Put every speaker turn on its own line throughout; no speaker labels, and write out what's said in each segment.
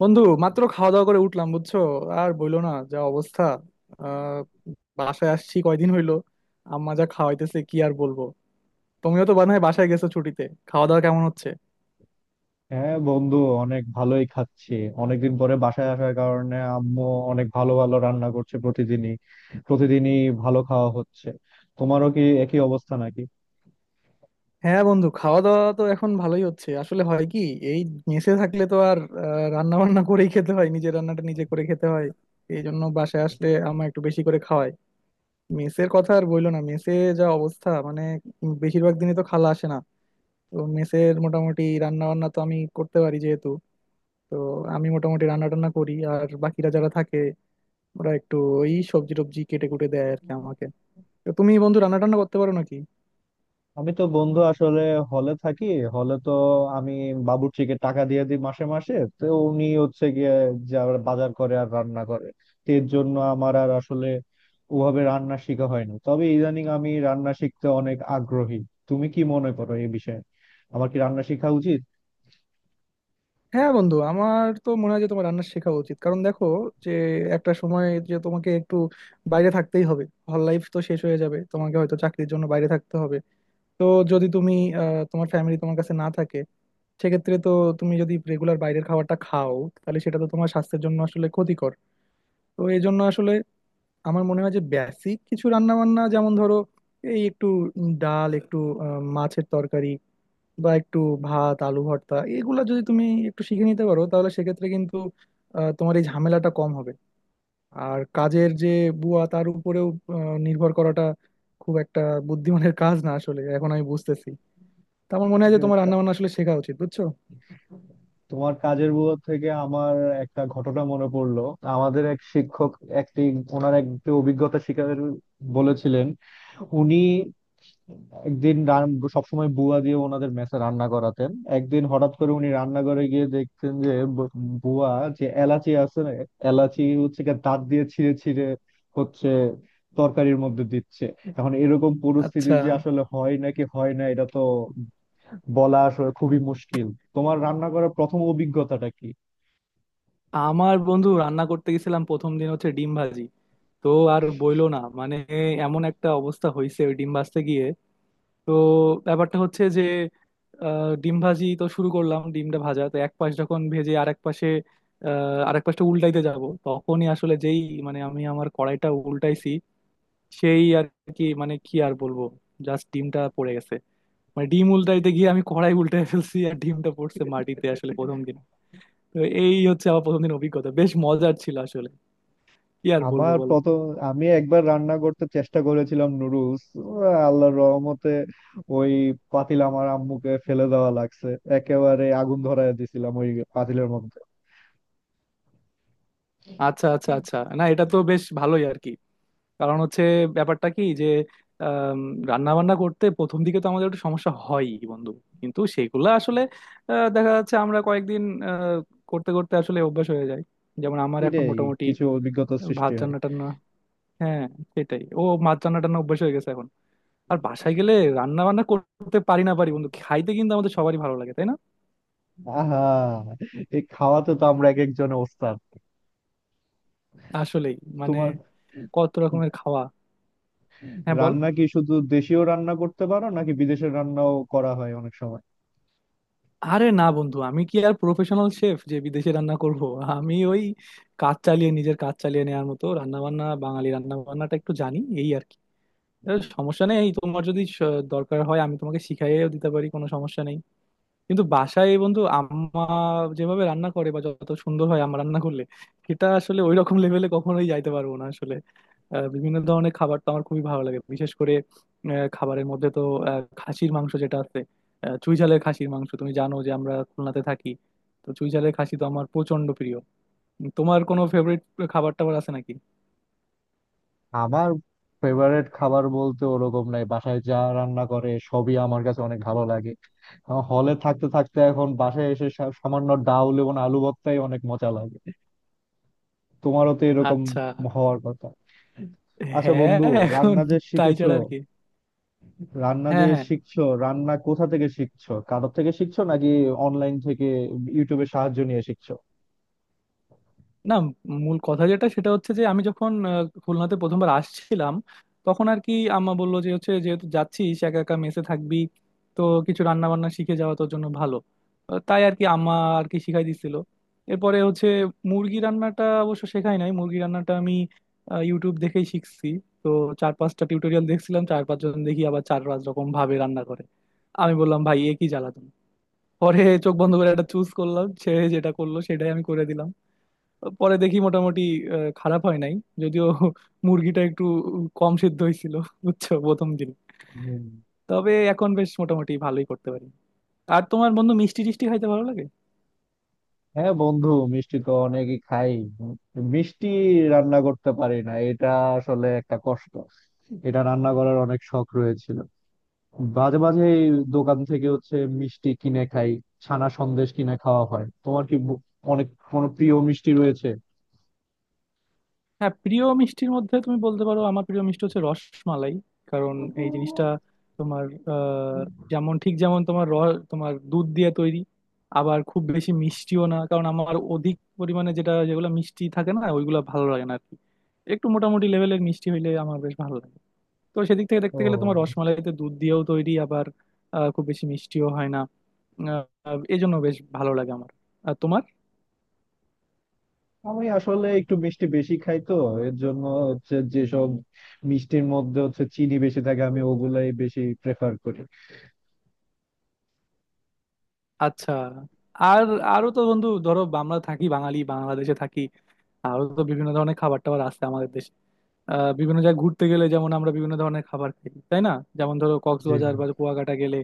বন্ধু মাত্র খাওয়া দাওয়া করে উঠলাম, বুঝছো? আর বইলো না, যা অবস্থা। আহ বাসায় আসছি কয়দিন হইলো। আম্মা যা খাওয়াইতেছে, কি আর বলবো। তুমিও তো বানায় বাসায় গেছো ছুটিতে, খাওয়া দাওয়া কেমন হচ্ছে?
হ্যাঁ, বন্ধু। অনেক ভালোই খাচ্ছি। অনেকদিন পরে বাসায় আসার কারণে আম্মু অনেক ভালো ভালো রান্না করছে প্রতিদিনই। প্রতিদিনই ভালো খাওয়া হচ্ছে। তোমারও কি একই অবস্থা নাকি?
হ্যাঁ বন্ধু, খাওয়া দাওয়া তো এখন ভালোই হচ্ছে। আসলে হয় কি, এই মেসে থাকলে তো আর রান্না বান্না করেই খেতে হয়, নিজের রান্নাটা নিজে করে খেতে হয়। এই জন্য বাসায় আসলে আম্মা একটু বেশি করে খাওয়ায়। মেসের কথা আর বইলো না, মেসে যা অবস্থা, মানে বেশিরভাগ দিনই তো খালা আসে না। তো মেসের মোটামুটি রান্না বান্না তো আমি করতে পারি যেহেতু, তো আমি মোটামুটি রান্না টান্না করি, আর বাকিরা যারা থাকে ওরা একটু এই সবজি টবজি কেটে কুটে দেয় আর কি আমাকে। তো তুমি বন্ধু রান্না টান্না করতে পারো নাকি?
আমি তো বন্ধু আসলে হলে থাকি। হলে তো আমি বাবুর্চিকে টাকা দিয়ে দিই মাসে মাসে, তো উনি হচ্ছে গিয়ে যা বাজার করে আর রান্না করে। তো এর জন্য আমার আর আসলে ওভাবে রান্না শেখা হয় না, তবে ইদানিং আমি রান্না শিখতে অনেক আগ্রহী। তুমি কি মনে করো এই বিষয়ে, আমার কি রান্না শেখা উচিত?
হ্যাঁ বন্ধু, আমার তো মনে হয় যে তোমার রান্না শেখা উচিত। কারণ দেখো যে একটা সময় যে তোমাকে একটু বাইরে থাকতেই হবে, হল লাইফ তো শেষ হয়ে যাবে, তোমাকে হয়তো চাকরির জন্য বাইরে থাকতে হবে। তো যদি তুমি, তোমার ফ্যামিলি তোমার কাছে না থাকে, সেক্ষেত্রে তো তুমি যদি রেগুলার বাইরের খাবারটা খাও, তাহলে সেটা তো তোমার স্বাস্থ্যের জন্য আসলে ক্ষতিকর। তো এই জন্য আসলে আমার মনে হয় যে বেসিক কিছু রান্না বান্না, যেমন ধরো এই একটু ডাল, একটু মাছের তরকারি, বা একটু ভাত আলু ভর্তা, এগুলা যদি তুমি একটু শিখে নিতে পারো, তাহলে সেক্ষেত্রে কিন্তু তোমার এই ঝামেলাটা কম হবে। আর কাজের যে বুয়া, তার উপরেও আহ, নির্ভর করাটা খুব একটা বুদ্ধিমানের কাজ না আসলে, এখন আমি বুঝতেছি। তো আমার মনে হয় যে
যে
তোমার রান্না
কা-
বান্না আসলে শেখা উচিত, বুঝছো?
তোমার কাজের বুয়া থেকে আমার একটা ঘটনা মনে পড়লো। আমাদের এক শিক্ষক, একটি ওনার একটি অভিজ্ঞতা শিকার বলেছিলেন। উনি একদিন সবসময় বুয়া দিয়ে ওনাদের মেসে রান্না করাতেন। একদিন হঠাৎ করে উনি রান্নাঘরে গিয়ে দেখতেন যে বুয়া, যে এলাচি আছে না, এলাচি হচ্ছে গিয়ে দাঁত দিয়ে ছিঁড়ে ছিঁড়ে হচ্ছে তরকারির মধ্যে দিচ্ছে। এখন এরকম পরিস্থিতি
আচ্ছা।
যে আসলে হয় নাকি হয় না, এটা তো বলা আসলে খুবই মুশকিল। তোমার রান্না করার প্রথম অভিজ্ঞতাটা কি?
আমার বন্ধু রান্না করতে গেছিলাম প্রথম দিন, হচ্ছে ডিম ভাজি। তো আর বইলো না, মানে এমন একটা অবস্থা হয়েছে ওই ডিম ভাজতে গিয়ে। তো ব্যাপারটা হচ্ছে যে ডিম ভাজি তো শুরু করলাম, ডিমটা ভাজা তো এক পাশ যখন ভেজে আর এক পাশে, আর এক পাশটা উল্টাইতে যাব, তখনই আসলে যেই, মানে আমার কড়াইটা উল্টাইছি সেই আর কি, মানে কি আর বলবো, জাস্ট ডিমটা পড়ে গেছে। মানে ডিম উল্টাইতে গিয়ে আমি কড়াই উল্টাই ফেলছি আর ডিমটা পড়ছে মাটিতে আসলে, প্রথম দিন। তো এই হচ্ছে আমার প্রথম দিন অভিজ্ঞতা, বেশ মজার ছিল আসলে। কি আর বলবো
আমার
বলো।
প্রথম, আমি একবার রান্না করতে চেষ্টা করেছিলাম নুডলস। আল্লাহর রহমতে ওই পাতিল আমার আম্মুকে ফেলে দেওয়া লাগছে। একেবারে আগুন ধরায় দিছিলাম ওই পাতিলের মধ্যে।
আচ্ছা আচ্ছা আচ্ছা, না এটা তো বেশ ভালোই আর কি। কারণ হচ্ছে ব্যাপারটা কি যে রান্না বান্না করতে প্রথম দিকে তো আমাদের একটু সমস্যা হয় বন্ধু, কিন্তু সেগুলো আসলে দেখা যাচ্ছে আমরা কয়েকদিন আহ, করতে করতে আসলে অভ্যাস হয়ে যায়। যেমন আমার এখন
এটাই,
মোটামুটি
কিছু অভিজ্ঞতা সৃষ্টি
ভাত
হয়।
রান্না টান্না, হ্যাঁ সেটাই, ও ভাত রান্না টান্না অভ্যাস হয়ে গেছে এখন। আর বাসায় গেলে রান্না বান্না করতে পারি না পারি বন্ধু, খাইতে কিন্তু আমাদের সবারই ভালো লাগে তাই না?
আহা, এই খাওয়াতে তো আমরা এক একজনে ওস্তাদ।
আসলেই, মানে
তোমার
কত রকমের খাওয়া। হ্যাঁ বল।
রান্না কি শুধু দেশীয় রান্না করতে পারো নাকি বিদেশের রান্নাও করা হয় অনেক সময়?
আরে না বন্ধু, আমি কি আর প্রফেশনাল শেফ যে বিদেশে রান্না করব? আমি ওই কাজ চালিয়ে, নিজের কাজ চালিয়ে নেওয়ার মতো রান্না বান্না, বাঙালি রান্না বান্নাটা একটু জানি এই আর কি। এর সমস্যা নেই, এই তোমার যদি দরকার হয় আমি তোমাকে শিখাইয়েও দিতে পারি, কোনো সমস্যা নেই। কিন্তু বাসায় বন্ধু আম্মা যেভাবে রান্না করে বা যত সুন্দর হয় আম্মা রান্না করলে, সেটা আসলে ওই রকম লেভেলে কখনোই যাইতে পারবো না আসলে। বিভিন্ন ধরনের খাবার তো আমার খুবই ভালো লাগে, বিশেষ করে খাবারের মধ্যে তো খাসির মাংস যেটা আছে, চুই ঝালের খাসির মাংস। তুমি জানো যে আমরা খুলনাতে থাকি, তো চুই ঝালের খাসি তো আমার প্রচন্ড প্রিয়। তোমার কোনো ফেভারিট খাবার টাবার আছে নাকি?
আমার ফেভারিট খাবার বলতে ওরকম নাই, বাসায় যা রান্না করে সবই আমার কাছে অনেক ভালো লাগে। হলে থাকতে থাকতে এখন বাসায় এসে সামান্য ডাউল এবং আলু ভর্তাই অনেক মজা লাগে। তোমারও তো এরকম
আচ্ছা।
হওয়ার কথা। আচ্ছা
হ্যাঁ
বন্ধু,
এখন
রান্না যে
তাই
শিখেছো
ছাড়া আর কি।
রান্না যে
হ্যাঁ হ্যাঁ।
শিখছো, রান্না কোথা থেকে শিখছো? কারোর থেকে শিখছো নাকি অনলাইন থেকে, ইউটিউবে সাহায্য নিয়ে শিখছো?
না, মূল কথা যেটা সেটা হচ্ছে যে আমি যখন খুলনাতে প্রথমবার আসছিলাম, তখন আর কি আম্মা বললো যে হচ্ছে যেহেতু যাচ্ছিস একা একা মেসে থাকবি, তো কিছু রান্না বান্না শিখে যাওয়া তোর জন্য ভালো। তাই আর কি আম্মা আর কি শিখাই দিছিল। এরপরে হচ্ছে মুরগি রান্নাটা অবশ্য শেখাই নাই, মুরগি রান্নাটা আমি ইউটিউব দেখেই শিখছি। তো চার পাঁচটা টিউটোরিয়াল দেখছিলাম, চার পাঁচজন দেখি আবার চার পাঁচ রকম ভাবে রান্না করে। আমি বললাম ভাই এ কি জ্বালাতন। পরে চোখ বন্ধ করে একটা চুজ করলাম, সে যেটা করলো সেটাই আমি করে দিলাম। পরে দেখি মোটামুটি খারাপ হয় নাই, যদিও মুরগিটা একটু কম সিদ্ধ হয়েছিল, বুঝছো, প্রথম দিন। তবে এখন বেশ মোটামুটি ভালোই করতে পারি। আর তোমার বন্ধু মিষ্টি টিষ্টি খাইতে ভালো লাগে?
হ্যাঁ বন্ধু, মিষ্টি তো অনেকই খাই। মিষ্টি রান্না করতে পারি না, এটা আসলে একটা কষ্ট। এটা রান্না করার অনেক শখ রয়েছিল। মাঝে মাঝে এই দোকান থেকে হচ্ছে মিষ্টি কিনে খাই, ছানা সন্দেশ কিনে খাওয়া হয়। তোমার কি ব- অনেক কোনো প্রিয় মিষ্টি রয়েছে?
হ্যাঁ প্রিয় মিষ্টির মধ্যে তুমি বলতে পারো আমার প্রিয় মিষ্টি হচ্ছে রসমালাই। কারণ এই জিনিসটা তোমার আহ যেমন, ঠিক যেমন তোমার দুধ দিয়ে তৈরি, আবার খুব বেশি মিষ্টিও না। কারণ আমার অধিক পরিমাণে যেটা, যেগুলো মিষ্টি থাকে না ওইগুলো ভালো লাগে না আর কি, একটু মোটামুটি লেভেলের মিষ্টি হইলে আমার বেশ ভালো লাগে। তো সেদিক থেকে দেখতে গেলে তোমার
ও,
রসমালাইতে দুধ দিয়েও তৈরি, আবার খুব বেশি মিষ্টিও হয় না। এই জন্য বেশ ভালো লাগে আমার। আর তোমার,
আমি আসলে একটু মিষ্টি বেশি খাই তো, এর জন্য হচ্ছে যেসব মিষ্টির মধ্যে হচ্ছে চিনি বেশি থাকে আমি ওগুলাই বেশি প্রেফার করি।
আচ্ছা। আর আরো তো বন্ধু ধরো আমরা থাকি বাঙালি, বাংলাদেশে থাকি, আরো তো বিভিন্ন ধরনের খাবার টাবার আছে আমাদের দেশে। বিভিন্ন জায়গায় ঘুরতে গেলে যেমন আমরা বিভিন্ন ধরনের খাবার খাই তাই না? যেমন ধরো
জি।
কক্সবাজার বা কুয়াকাটা গেলে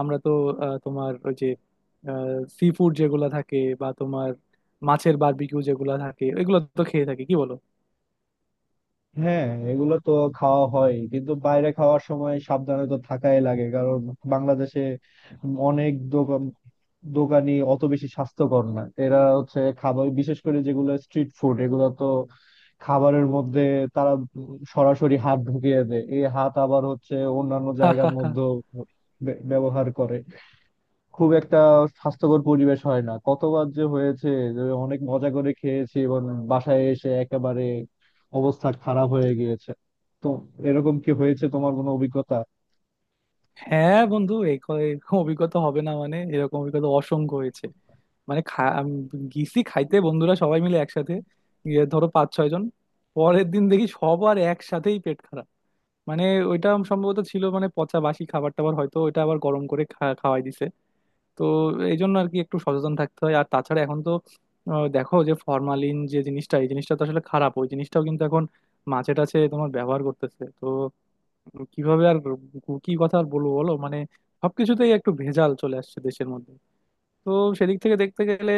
আমরা তো তোমার ওই যে সি ফুড যেগুলো থাকে, বা তোমার মাছের বারবিকিউ যেগুলো থাকে, এগুলো তো খেয়ে থাকি, কি বলো?
হ্যাঁ, এগুলো তো খাওয়া হয়, কিন্তু বাইরে খাওয়ার সময় সাবধানে তো থাকাই লাগে, কারণ বাংলাদেশে অনেক দোকান, দোকানি অত বেশি স্বাস্থ্যকর না। এরা হচ্ছে খাবার, বিশেষ করে যেগুলো স্ট্রিট ফুড, এগুলো তো খাবারের মধ্যে তারা সরাসরি হাত ঢুকিয়ে দেয়। এই হাত আবার হচ্ছে অন্যান্য জায়গার মধ্যে ব্যবহার করে। খুব একটা স্বাস্থ্যকর পরিবেশ হয় না। কতবার যে হয়েছে যে অনেক মজা করে খেয়েছি এবং বাসায় এসে একেবারে অবস্থা খারাপ হয়ে গিয়েছে। তো এরকম কি হয়েছে তোমার কোনো অভিজ্ঞতা?
হ্যাঁ বন্ধু এই এরকম অভিজ্ঞতা হবে না মানে, এরকম অভিজ্ঞতা অসংখ্য হয়েছে। মানে গিয়েছি খাইতে বন্ধুরা সবাই মিলে একসাথে, গিয়ে ধরো পাঁচ ছয় জন, পরের দিন দেখি সবার একসাথেই পেট খারাপ। মানে ওইটা সম্ভবত ছিল মানে পচা বাসি খাবার টাবার, হয়তো ওইটা আবার গরম করে খাওয়াই দিছে। তো এই জন্য আর কি একটু সচেতন থাকতে হয়। আর তাছাড়া এখন তো দেখো যে ফরমালিন যে জিনিসটা, এই জিনিসটা তো আসলে খারাপ, ওই জিনিসটাও কিন্তু এখন মাছে টাছে তোমার ব্যবহার করতেছে তো। কিভাবে আর কি কথা আর বলবো বলো, মানে সবকিছুতেই একটু ভেজাল চলে আসছে দেশের মধ্যে। তো সেদিক থেকে দেখতে গেলে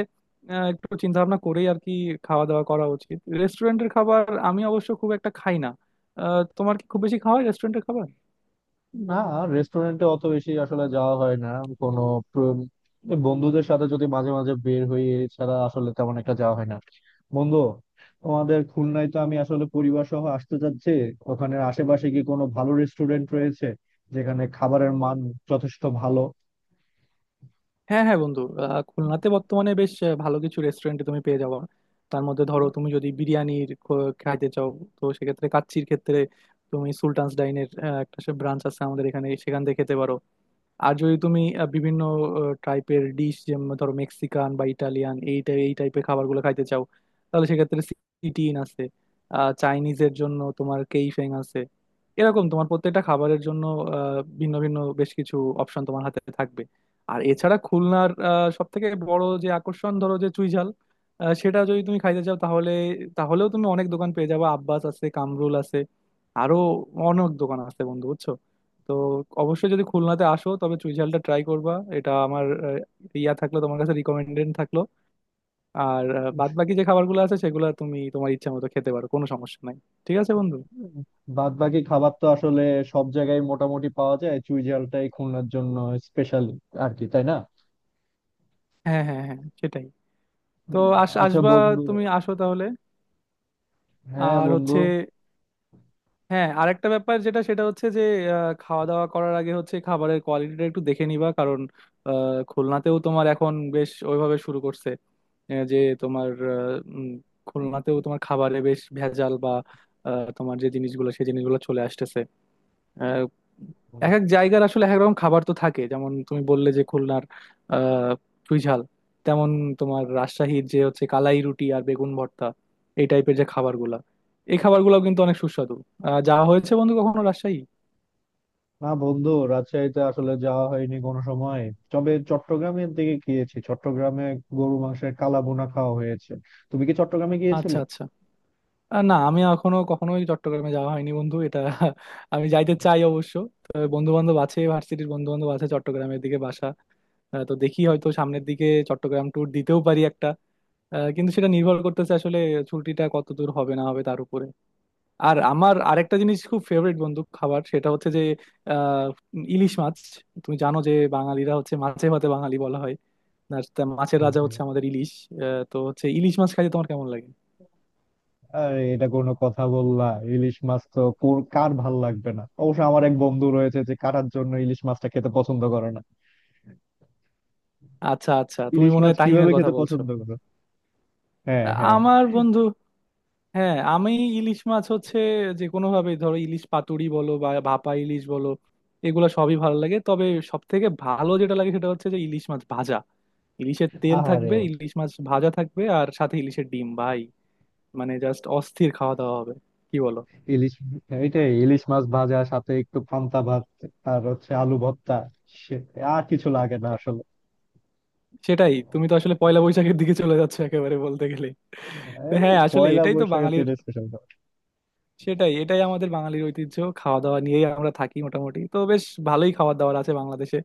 একটু চিন্তা ভাবনা করেই আর কি খাওয়া দাওয়া করা উচিত। রেস্টুরেন্টের খাবার আমি অবশ্য খুব একটা খাই না। তোমার কি খুব বেশি খাওয়া হয় রেস্টুরেন্টের খাবার?
না, রেস্টুরেন্টে অত বেশি আসলে যাওয়া হয় না। কোনো প্র- বন্ধুদের সাথে যদি মাঝে মাঝে বের হই, এছাড়া আসলে তেমন একটা যাওয়া হয় না। বন্ধু, তোমাদের খুলনায় তো আমি আসলে পরিবার সহ আসতে চাচ্ছি। ওখানে আশেপাশে কি কোনো ভালো রেস্টুরেন্ট রয়েছে যেখানে খাবারের মান যথেষ্ট ভালো?
হ্যাঁ হ্যাঁ বন্ধু, খুলনাতে বর্তমানে বেশ ভালো কিছু রেস্টুরেন্টে তুমি পেয়ে যাবো। তার মধ্যে ধরো তুমি যদি বিরিয়ানির খাইতে চাও, তো সেক্ষেত্রে কাচ্চির ক্ষেত্রে তুমি সুলতানস ডাইনের একটা ব্রাঞ্চ আছে আমাদের এখানে, সেখান থেকে খেতে পারো। আর যদি তুমি বিভিন্ন টাইপের ডিশ, যেমন ধরো মেক্সিকান বা ইটালিয়ান, এই এই টাইপের খাবারগুলো খাইতে চাও, তাহলে সেক্ষেত্রে সিটিন আছে। চাইনিজের জন্য তোমার কেইফেং আছে। এরকম তোমার প্রত্যেকটা খাবারের জন্য ভিন্ন ভিন্ন বেশ কিছু অপশন তোমার হাতে থাকবে। আর এছাড়া খুলনার সব থেকে বড় যে আকর্ষণ, ধরো যে চুইঝাল, সেটা যদি তুমি খাইতে চাও, তাহলে তাহলেও তুমি অনেক দোকান পেয়ে যাবে। আব্বাস আছে, কামরুল আছে, আরো অনেক দোকান আছে বন্ধু, বুঝছো? তো অবশ্যই যদি খুলনাতে আসো তবে চুইঝালটা ট্রাই করবা, এটা আমার ইয়া থাকলো, তোমার কাছে রিকমেন্ডেড থাকলো। আর বাদ বাকি যে খাবারগুলো আছে সেগুলো তুমি তোমার ইচ্ছা মতো খেতে পারো, কোনো সমস্যা নাই। ঠিক আছে বন্ধু।
বাদ বাকি খাবার তো আসলে সব জায়গায় মোটামুটি পাওয়া যায়, চুই ঝালটাই খুলনার জন্য স্পেশাল, আর কি, তাই না?
হ্যাঁ হ্যাঁ হ্যাঁ, সেটাই। তো
আচ্ছা
আসবা?
বন্ধু।
তুমি আসো তাহলে।
হ্যাঁ
আর
বন্ধু।
হচ্ছে, হ্যাঁ আরেকটা ব্যাপার যেটা, সেটা হচ্ছে যে খাওয়া দাওয়া করার আগে হচ্ছে খাবারের কোয়ালিটিটা একটু দেখে নিবা। কারণ আহ, খুলনাতেও তোমার এখন বেশ ওইভাবে শুরু করছে যে তোমার উম, খুলনাতেও তোমার খাবারে বেশ ভেজাল বা তোমার যে জিনিসগুলো, সেই জিনিসগুলো চলে আসতেছে। আহ, এক এক জায়গার আসলে এক এক রকম খাবার তো থাকে। যেমন তুমি বললে যে খুলনার আহ চুইঝাল, তেমন তোমার রাজশাহীর যে হচ্ছে কালাই রুটি আর বেগুন ভর্তা, এই টাইপের যে খাবারগুলা, এই খাবারগুলো কিন্তু অনেক সুস্বাদু। যা হয়েছে বন্ধু, কখনো রাজশাহী?
না বন্ধু, রাজশাহীতে আসলে যাওয়া হয়নি কোনো সময়, তবে চট্টগ্রামের দিকে গিয়েছি। চট্টগ্রামে গরু মাংসের কালা বোনা খাওয়া হয়েছে। তুমি কি চট্টগ্রামে
আচ্ছা
গিয়েছিলে?
আচ্ছা। না আমি এখনো কখনোই চট্টগ্রামে যাওয়া হয়নি বন্ধু, এটা আমি যাইতে চাই অবশ্য। বন্ধু বান্ধব আছে, ভার্সিটির বন্ধু বান্ধব আছে চট্টগ্রামের দিকে বাসা। তো দেখি হয়তো সামনের দিকে চট্টগ্রাম ট্যুর দিতেও পারি একটা, কিন্তু সেটা নির্ভর করতেছে আসলে ছুটিটা কত দূর হবে না হবে তার উপরে। আর আমার আরেকটা জিনিস খুব ফেভারিট বন্ধু খাবার, সেটা হচ্ছে যে আহ ইলিশ মাছ। তুমি জানো যে বাঙালিরা হচ্ছে মাছে ভাতে বাঙালি বলা হয়, আর তা মাছের
হুম,
রাজা
হুম।
হচ্ছে আমাদের ইলিশ। তো হচ্ছে ইলিশ মাছ খাইতে তোমার কেমন লাগে?
আরে, এটা কোনো কথা বললা? ইলিশ মাছ তো কার ভাল লাগবে না? অবশ্য আমার এক বন্ধু রয়েছে যে কাটার জন্য ইলিশ মাছটা খেতে পছন্দ করে না।
আচ্ছা আচ্ছা, তুমি
ইলিশ
মনে
মাছ
হয়
কিভাবে
তাহিমের কথা
খেতে
বলছো।
পছন্দ করে? হ্যাঁ, হ্যাঁ।
আমার বন্ধু, হ্যাঁ আমি ইলিশ মাছ হচ্ছে যে কোনো ভাবে, ধরো ইলিশ পাতুরি বলো বা ভাপা ইলিশ বলো, এগুলো সবই ভালো লাগে। তবে সব থেকে ভালো যেটা লাগে সেটা হচ্ছে যে ইলিশ মাছ ভাজা। ইলিশের তেল
আরে
থাকবে, ইলিশ মাছ ভাজা থাকবে, আর সাথে ইলিশের ডিম ভাই, মানে জাস্ট অস্থির খাওয়া দাওয়া হবে, কি বলো?
ইলিশ, এটাই, ইলিশ মাছ ভাজা সাথে একটু পান্তা ভাত আর হচ্ছে আলু ভর্তা, সে আর কিছু লাগে না আসলে।
সেটাই, তুমি তো আসলে পয়লা বৈশাখের দিকে চলে যাচ্ছ একেবারে বলতে গেলে।
এ,
তো হ্যাঁ আসলে
পয়লা
এটাই তো
বৈশাখে তো
বাঙালির,
এটা স্পেশাল।
সেটাই, এটাই আমাদের বাঙালির ঐতিহ্য। খাওয়া দাওয়া নিয়েই আমরা থাকি মোটামুটি, তো বেশ ভালোই খাওয়া দাওয়ার আছে বাংলাদেশে।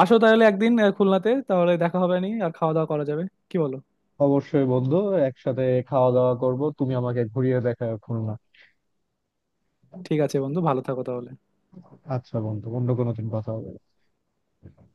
আসো তাহলে একদিন খুলনাতে, তাহলে দেখা হবে নি আর খাওয়া দাওয়া করা যাবে, কি বলো?
অবশ্যই বন্ধু, একসাথে খাওয়া দাওয়া করব। তুমি আমাকে ঘুরিয়ে দেখাও খুলনা।
ঠিক আছে বন্ধু, ভালো থাকো তাহলে।
আচ্ছা বন্ধু, অন্য কোনো দিন কথা হবে।